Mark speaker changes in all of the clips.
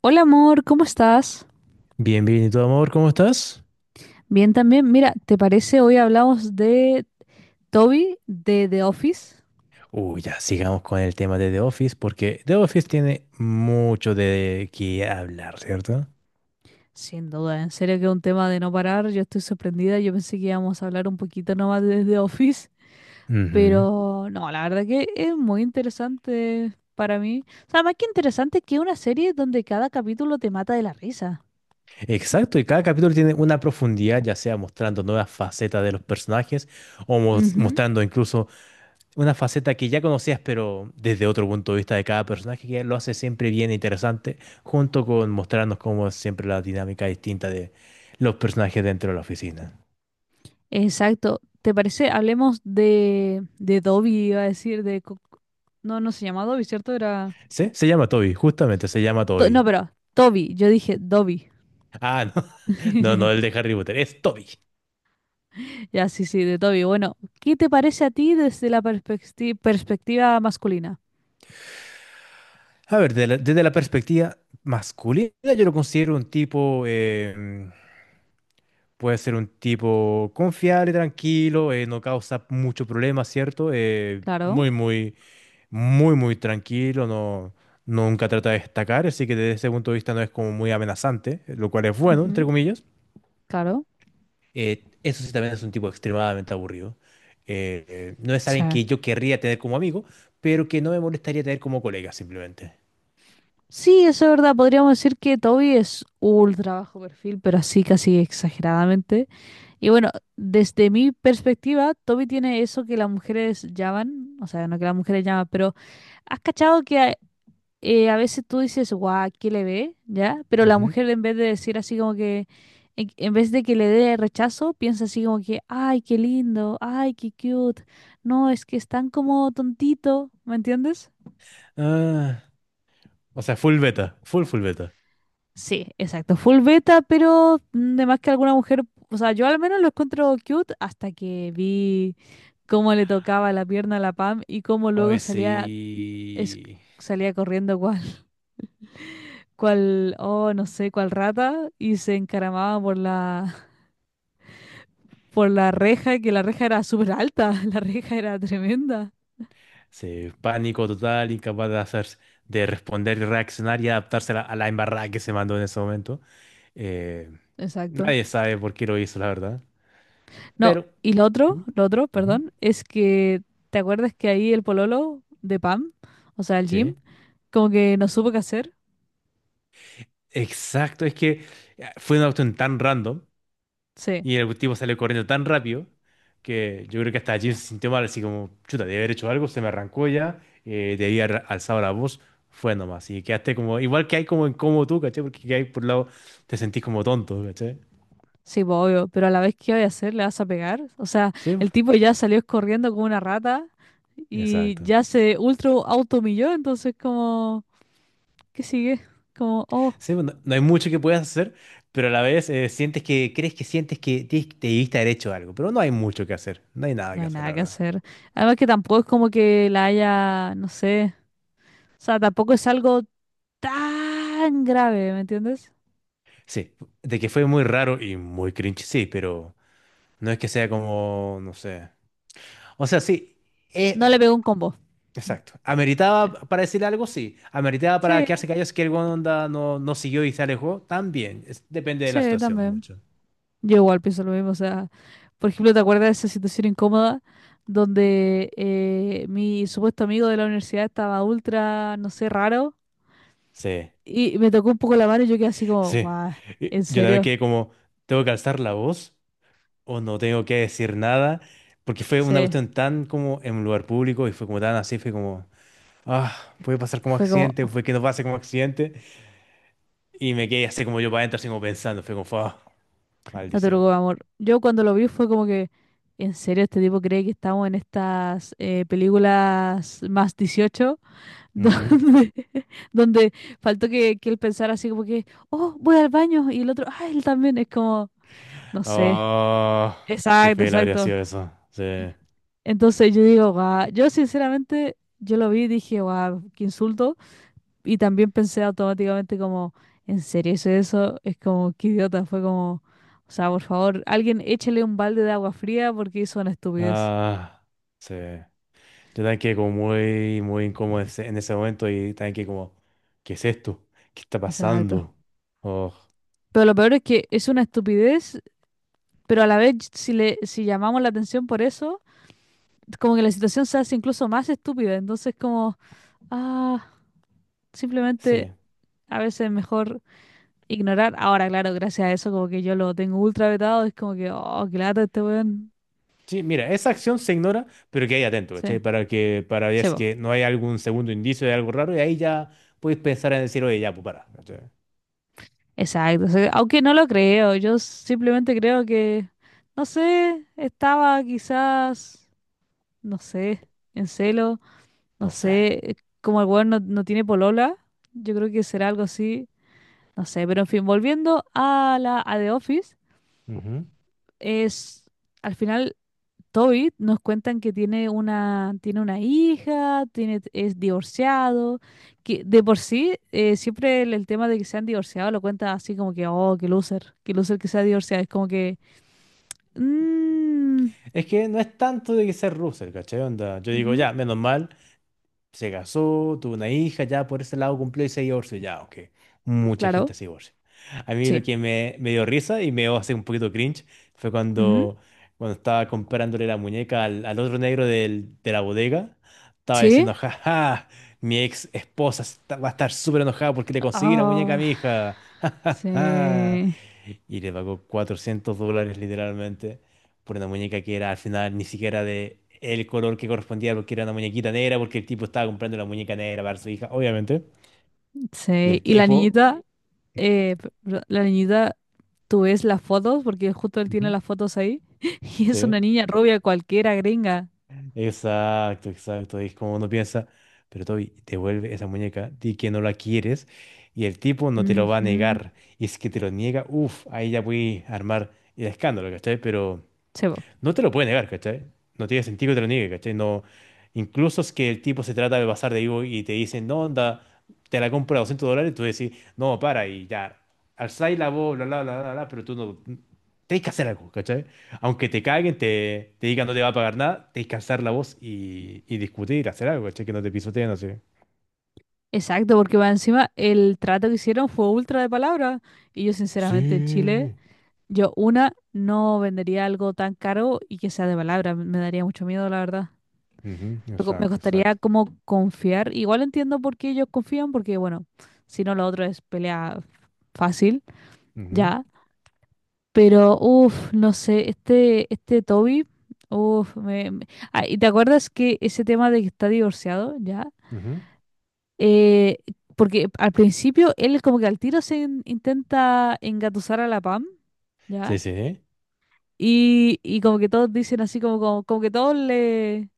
Speaker 1: Hola amor, ¿cómo estás?
Speaker 2: Bien, bien, ¿y tu amor, cómo estás?
Speaker 1: Bien también. Mira, ¿te parece hoy hablamos de Toby de The Office?
Speaker 2: Uy, ya, sigamos con el tema de The Office, porque The Office tiene mucho de qué hablar, ¿cierto?
Speaker 1: Sin duda, en serio que es un tema de no parar. Yo estoy sorprendida. Yo pensé que íbamos a hablar un poquito nomás de The Office,
Speaker 2: Ujú.
Speaker 1: pero no, la verdad que es muy interesante para mí. O sea, más que interesante que una serie donde cada capítulo te mata de la risa.
Speaker 2: Exacto, y cada capítulo tiene una profundidad, ya sea mostrando nuevas facetas de los personajes o
Speaker 1: Ujú.
Speaker 2: mostrando incluso una faceta que ya conocías, pero desde otro punto de vista de cada personaje, que lo hace siempre bien e interesante, junto con mostrarnos cómo es siempre la dinámica distinta de los personajes dentro de la oficina.
Speaker 1: Exacto. ¿Te parece? Hablemos de Dobby, iba a decir, de... Co- No, no se llama Dobby, ¿cierto? Era...
Speaker 2: ¿Sí? Se llama Toby, justamente se llama
Speaker 1: To- no,
Speaker 2: Toby.
Speaker 1: pero Toby, yo dije Dobby.
Speaker 2: Ah, no. No, no, el de Harry Potter. Es Toby.
Speaker 1: Ya, sí, sí, de Toby. Bueno, ¿qué te parece a ti desde la perspectiva masculina?
Speaker 2: A ver, desde la perspectiva masculina, yo lo considero un tipo. Puede ser un tipo confiable, tranquilo, no causa mucho problema, ¿cierto?
Speaker 1: Claro,
Speaker 2: Muy, muy, muy, muy tranquilo, no, nunca trata de destacar, así que desde ese punto de vista no es como muy amenazante, lo cual es bueno, entre
Speaker 1: ujú,
Speaker 2: comillas.
Speaker 1: claro.
Speaker 2: Eso sí también es un tipo extremadamente aburrido. No es
Speaker 1: Sí.
Speaker 2: alguien que yo querría tener como amigo, pero que no me molestaría tener como colega simplemente.
Speaker 1: Sí, eso es verdad. Podríamos decir que Toby es ultra bajo perfil, pero así casi exageradamente. Y bueno, desde mi perspectiva, Toby tiene eso que las mujeres llaman, o sea, no que las mujeres llaman, pero ¿has cachado que hay- a veces tú dices, guau, ¿qué le ve? ¿Ya? Pero la
Speaker 2: Ujú.
Speaker 1: mujer en vez de decir así como que, en vez de que le dé rechazo, piensa así como que, ay, qué lindo, ay, qué cute. No, es que es tan como tontito, ¿me entiendes?
Speaker 2: Ah, o sea, full beta, full beta.
Speaker 1: Sí, exacto, full beta, pero de más que alguna mujer, o sea, yo al menos lo encuentro cute hasta que vi cómo le tocaba la pierna a la Pam y cómo luego
Speaker 2: Hoy
Speaker 1: salía, es-
Speaker 2: sí,
Speaker 1: salía corriendo igual. Cual, oh, no sé, cual rata, y se encaramaba por la, por la reja, que la reja era súper alta, la reja era tremenda.
Speaker 2: sí, pánico total, incapaz de hacer, de responder, y reaccionar y adaptarse a la embarrada que se mandó en ese momento. Eh,
Speaker 1: Exacto.
Speaker 2: nadie sabe por qué lo hizo, la verdad.
Speaker 1: No,
Speaker 2: Pero...
Speaker 1: y lo otro,
Speaker 2: Ujú,
Speaker 1: lo otro,
Speaker 2: ujú.
Speaker 1: perdón, es que, ¿te acuerdas que ahí el pololo de Pam, o sea, el Jim,
Speaker 2: Sí,
Speaker 1: como que no supo qué hacer?
Speaker 2: exacto, es que fue una cuestión tan random.
Speaker 1: Sí.
Speaker 2: Y el tipo salió corriendo tan rápido que yo creo que hasta Jim se sintió mal, así como, chuta, debí haber hecho algo, se me arrancó ya, debí haber alzado la voz, fue nomás. Y quedaste como, igual que hay como incómodo tú, ¿cachai? Porque que hay por un lado, te sentís como tonto, ¿cachai?
Speaker 1: Sí, pues, obvio, pero a la vez, ¿qué voy a hacer? ¿Le vas a pegar? O sea,
Speaker 2: Sí, pues,
Speaker 1: el tipo ya salió corriendo como una rata y
Speaker 2: exacto.
Speaker 1: ya se ultra auto humilló, entonces como, ¿qué sigue? Como, oh,
Speaker 2: Sí, pues, no, no hay mucho que puedas hacer, pero a la vez sientes que, crees que sientes que te debiste haber hecho algo, pero no hay mucho que hacer, no hay nada
Speaker 1: no
Speaker 2: que
Speaker 1: hay
Speaker 2: hacer, la
Speaker 1: nada que
Speaker 2: verdad.
Speaker 1: hacer. Además que tampoco es como que la haya, no sé. O sea, tampoco es algo tan grave, ¿me entiendes?
Speaker 2: Sí, de que fue muy raro y muy cringe, sí, pero no es que sea como, no sé. O sea, sí, eh,
Speaker 1: No
Speaker 2: ah,
Speaker 1: le pegó un combo. Mm,
Speaker 2: exacto. ¿Ameritaba
Speaker 1: eh.
Speaker 2: para decir algo? Sí. ¿Ameritaba
Speaker 1: Sí,
Speaker 2: para quedarse callado si que el weón onda no, no siguió y se alejó? También. Depende de la
Speaker 1: sí,
Speaker 2: situación
Speaker 1: también.
Speaker 2: mucho.
Speaker 1: Yo igual pienso lo mismo. O sea, por ejemplo, ¿te acuerdas de esa situación incómoda donde mi supuesto amigo de la universidad estaba ultra, no sé, raro?
Speaker 2: Sí,
Speaker 1: Y me tocó un poco la mano y yo quedé así como,
Speaker 2: sí.
Speaker 1: guau,
Speaker 2: Y
Speaker 1: ¿en
Speaker 2: yo también
Speaker 1: serio?
Speaker 2: quedé como, ¿tengo que alzar la voz o no tengo que decir nada? Porque fue una
Speaker 1: Sí.
Speaker 2: cuestión tan como en un lugar público y fue como tan así, fue como, ah, puede pasar como
Speaker 1: Fue como,
Speaker 2: accidente, fue que no pase como accidente. Y me quedé así como yo para adentro, así como pensando, fue como, ah,
Speaker 1: no te
Speaker 2: maldición.
Speaker 1: preocupes, amor. Yo cuando lo vi fue como que, en serio, este tipo cree que estamos en estas películas más 18 donde, donde faltó que él pensara así como que, oh, voy al baño, y el otro, ah, él también, es como, no sé.
Speaker 2: Ah, qué
Speaker 1: Exacto,
Speaker 2: feo habría
Speaker 1: exacto.
Speaker 2: sido eso. Sí.
Speaker 1: Entonces yo digo, guau, yo sinceramente, yo lo vi y dije, guau, qué insulto. Y también pensé automáticamente como, ¿en serio hice eso? Es como, qué idiota, fue como, o sea, por favor, alguien échale un balde de agua fría porque hizo una estupidez.
Speaker 2: Ah, sí. Yo también quedé como muy, muy incómodo en ese momento y también que como, ¿qué es esto? ¿Qué está
Speaker 1: Exacto.
Speaker 2: pasando? Oh,
Speaker 1: Pero lo peor es que es una estupidez, pero a la vez si le, si llamamos la atención por eso, como que la situación se hace incluso más estúpida. Entonces como, ah, simplemente
Speaker 2: sí.
Speaker 1: a veces es mejor ignorar. Ahora, claro, gracias a eso como que yo lo tengo ultra vetado, es como que, oh, qué lata este weón.
Speaker 2: Sí, mira, esa acción se ignora, pero que hay atento,
Speaker 1: Sí,
Speaker 2: ¿cachai? Para que, para ver
Speaker 1: se
Speaker 2: si que no hay algún segundo indicio de algo raro y ahí ya puedes pensar en decir, oye, ya, pues para, ¿cachai?
Speaker 1: exacto, o sea, aunque no lo creo, yo simplemente creo que, no sé, estaba quizás, no sé, en celo, no
Speaker 2: No sé.
Speaker 1: sé, como el weón no, no tiene polola, yo creo que será algo así, no sé, pero en fin, volviendo a la a The Office,
Speaker 2: Ujú.
Speaker 1: es, al final Tobit nos cuentan que tiene una hija, tiene, es divorciado, que de por sí siempre el tema de que se han divorciado lo cuenta así como que, oh, qué loser que se ha divorciado. Es como que, "Mm,
Speaker 2: Es que no es tanto de que ser Russell, ¿cachai? Onda, yo digo,
Speaker 1: ujú,
Speaker 2: ya, menos mal. Se casó, tuvo una hija, ya por ese lado cumplió y se divorció, ya, aunque mucha
Speaker 1: claro,
Speaker 2: gente se divorcia. A mí lo
Speaker 1: sí,
Speaker 2: que me dio risa y me dio así un poquito cringe fue
Speaker 1: ujú,
Speaker 2: cuando, cuando estaba comprándole la muñeca al, al otro negro de la bodega, estaba
Speaker 1: sí,
Speaker 2: diciendo, jaja, mi ex esposa va a estar súper enojada porque le conseguí la muñeca a
Speaker 1: ah,
Speaker 2: mi hija, ja ja ja.
Speaker 1: sí,
Speaker 2: Y le pagó $400 literalmente por una muñeca que era al final ni siquiera de el color que correspondía porque era una muñequita negra, porque el tipo estaba comprando la muñeca negra para su hija, obviamente. Y
Speaker 1: sí.
Speaker 2: el
Speaker 1: Y la
Speaker 2: tipo,
Speaker 1: niñita, p- r- la niñita, tú ves las fotos, porque justo él tiene
Speaker 2: ujú,
Speaker 1: las fotos ahí, y es
Speaker 2: sí,
Speaker 1: una niña rubia cualquiera, gringa.
Speaker 2: exacto, exacto. Y es como uno piensa, pero Toby, devuelve esa muñeca, di que no la quieres, y el tipo no te lo va a
Speaker 1: Ujú,
Speaker 2: negar. Y es que te lo niega, uff, ahí ya voy a armar el escándalo, ¿cachai? Pero.
Speaker 1: sí, po.
Speaker 2: No te lo puede negar, ¿cachai? No tiene sentido que te lo niegue, ¿cachai? No, incluso es que el tipo se trata de pasar de vivo y te dicen, no, onda, te la compro a $200, tú decís, no, para, y ya, alzáis la voz, bla, bla, bla, bla, bla, pero tú no, tenés que hacer algo, ¿cachai? Aunque te caguen, te digan no te va a pagar nada, tenés que alzar la voz y discutir, hacer algo, ¿cachai? Que no te pisoteen así.
Speaker 1: Exacto, porque va encima el trato que hicieron fue ultra de palabra. Y yo, sinceramente, en Chile,
Speaker 2: Sí.
Speaker 1: yo, una, no vendería algo tan caro y que sea de palabra. Me daría mucho miedo, la verdad.
Speaker 2: Ujú,
Speaker 1: Me co- me
Speaker 2: exacto,
Speaker 1: costaría
Speaker 2: exacto.
Speaker 1: como confiar. Igual entiendo por qué ellos confían, porque, bueno, si no, lo otro es pelea fácil,
Speaker 2: Ujú,
Speaker 1: ya. Pero, uff, no sé, este Toby, uff, me- Ah, ¿y te acuerdas que ese tema de que está divorciado, ya?
Speaker 2: ujú.
Speaker 1: Eh, Porque al principio él como que al tiro se intenta engatusar a la Pam, ¿ya?
Speaker 2: Sí, sí.
Speaker 1: Y como que todos dicen así, como que todos le,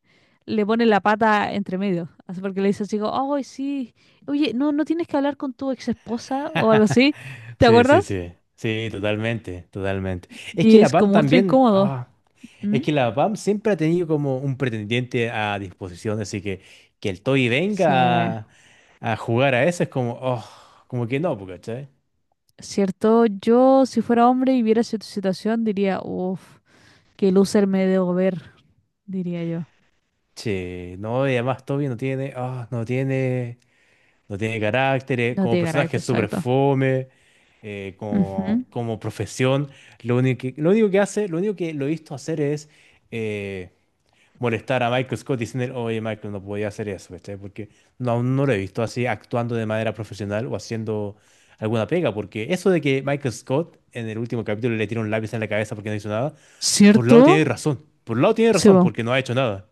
Speaker 1: le ponen la pata entre medio. Así porque le dice así, como, ay, sí, oye, no, no tienes que hablar con tu ex esposa o algo así, ¿te
Speaker 2: Sí, sí,
Speaker 1: acuerdas?
Speaker 2: sí. Sí, totalmente, totalmente. Es que
Speaker 1: Y
Speaker 2: la
Speaker 1: es
Speaker 2: Pam
Speaker 1: como ultra
Speaker 2: también,
Speaker 1: incómodo.
Speaker 2: ah, es
Speaker 1: ¿Mm?
Speaker 2: que la Pam siempre ha tenido como un pretendiente a disposición, así que el Toy
Speaker 1: Sí,
Speaker 2: venga a jugar a eso es como, oh, como que no, porque, ¿cachai?
Speaker 1: cierto, yo si fuera hombre y viera esa situación diría, uff, qué loser me debo ver, diría yo.
Speaker 2: Che, no, y además Toby no tiene, ah, no tiene, no tiene carácter,
Speaker 1: No
Speaker 2: como
Speaker 1: tiene
Speaker 2: personaje
Speaker 1: carácter,
Speaker 2: es súper
Speaker 1: exacto.
Speaker 2: fome, como,
Speaker 1: Ujú.
Speaker 2: como profesión, lo único que hace, lo único que lo he visto hacer es... eh, molestar a Michael Scott y decirle, oye, Michael, no podía hacer eso, ¿cachai? Porque no, aún no lo he visto así actuando de manera profesional o haciendo alguna pega, porque eso de que Michael Scott en el último capítulo le tira un lápiz en la cabeza porque no hizo nada, por un lado
Speaker 1: ¿Cierto?
Speaker 2: tiene razón, por un lado tiene
Speaker 1: Sí,
Speaker 2: razón
Speaker 1: va.
Speaker 2: porque no ha hecho nada.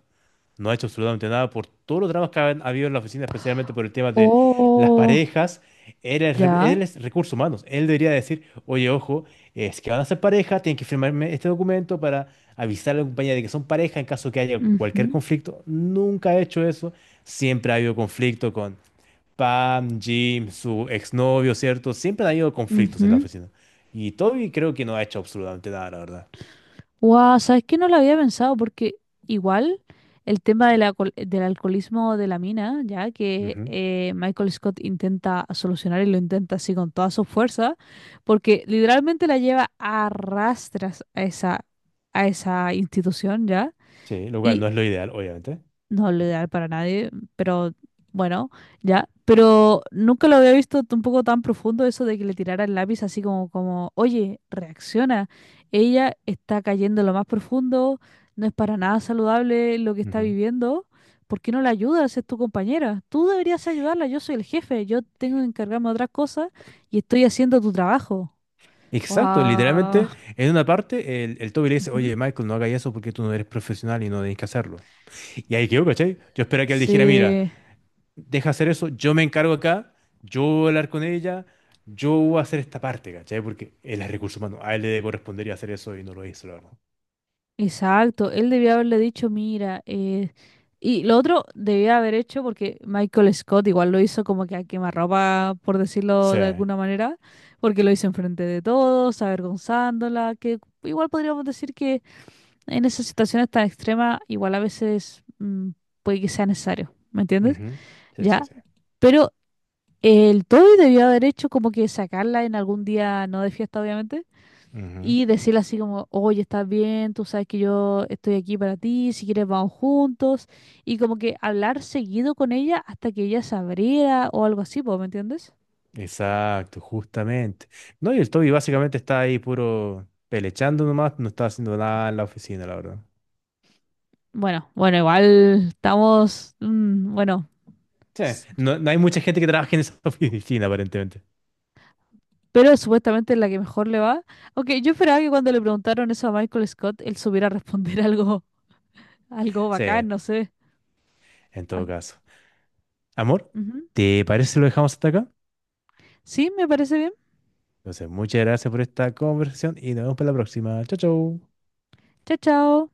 Speaker 2: No ha hecho absolutamente nada por todos los dramas que han habido en la oficina, especialmente por el tema de las
Speaker 1: Oh,
Speaker 2: parejas. Él es,
Speaker 1: ya.
Speaker 2: él es recursos humanos. Él debería decir, oye, ojo, es que van a ser pareja, tienen que firmarme este documento para avisar a la compañía de que son pareja en caso que haya cualquier
Speaker 1: Ujú,
Speaker 2: conflicto. Nunca ha hecho eso. Siempre ha habido conflicto con Pam, Jim, su exnovio, ¿cierto? Siempre ha habido conflictos en la
Speaker 1: ujú.
Speaker 2: oficina. Y Toby creo que no ha hecho absolutamente nada, la verdad.
Speaker 1: Guau, ¿sabes qué? No lo había pensado porque igual el tema del, alcohol- del alcoholismo de la mina, ya que
Speaker 2: Ujú.
Speaker 1: Michael Scott intenta solucionar y lo intenta así con toda su fuerza, porque literalmente la lleva a rastras a esa institución, ¿ya?
Speaker 2: Sí, lo cual no es lo ideal, obviamente.
Speaker 1: No lo ideal para nadie, pero bueno, ya. Pero nunca lo había visto tampoco tan profundo eso de que le tirara el lápiz así como, como, oye, reacciona. Ella está cayendo en lo más profundo, no es para nada saludable lo que está viviendo. ¿Por qué no la ayudas? Es tu compañera. Tú deberías ayudarla, yo soy el jefe, yo tengo que encargarme de otras cosas y estoy haciendo tu trabajo.
Speaker 2: Exacto,
Speaker 1: Wow.
Speaker 2: literalmente en una parte el Toby le dice, oye Michael, no hagas eso porque tú no eres profesional y no tenés que hacerlo. Y ahí quedó, ¿cachai? Yo esperaba que él dijera, mira,
Speaker 1: Sí.
Speaker 2: deja hacer eso, yo me encargo acá, yo voy a hablar con ella, yo voy a hacer esta parte, ¿cachai? Porque él es recurso humano, a él le correspondería hacer eso y no lo hizo, la verdad.
Speaker 1: Exacto, él debía haberle dicho, mira, y lo otro debía haber hecho, porque Michael Scott igual lo hizo como que a quemarropa, por decirlo de
Speaker 2: Sí,
Speaker 1: alguna manera, porque lo hizo enfrente de todos, avergonzándola, que igual podríamos decir que en esas situaciones tan extremas, igual a veces puede que sea necesario, ¿me entiendes?
Speaker 2: ujú, sí, sí,
Speaker 1: Ya,
Speaker 2: sí.
Speaker 1: pero el Toby debió haber hecho como que sacarla en algún día, no de fiesta, obviamente
Speaker 2: Ujú,
Speaker 1: y decirle así como, oye, estás bien, tú sabes que yo estoy aquí para ti, si quieres vamos juntos, y como que hablar seguido con ella hasta que ella se abriera o algo así, po, ¿me entiendes?
Speaker 2: exacto, justamente. No, y el Toby básicamente está ahí puro pelechando nomás, no está haciendo nada en la oficina, la verdad.
Speaker 1: Bueno, bueno, igual estamos, bueno,
Speaker 2: Sí,
Speaker 1: s-
Speaker 2: no, no hay mucha gente que trabaje en esa oficina, aparentemente.
Speaker 1: pero supuestamente es la que mejor le va. Aunque yo esperaba que cuando le preguntaron eso a Michael Scott, él supiera responder algo, algo
Speaker 2: Sí,
Speaker 1: bacán,
Speaker 2: en
Speaker 1: no sé. Ah,
Speaker 2: todo caso. Amor,
Speaker 1: ujú.
Speaker 2: ¿te parece si lo dejamos hasta acá?
Speaker 1: Sí, me parece bien.
Speaker 2: Entonces, muchas gracias por esta conversación y nos vemos para la próxima. Chau, chau.
Speaker 1: Chao, chao.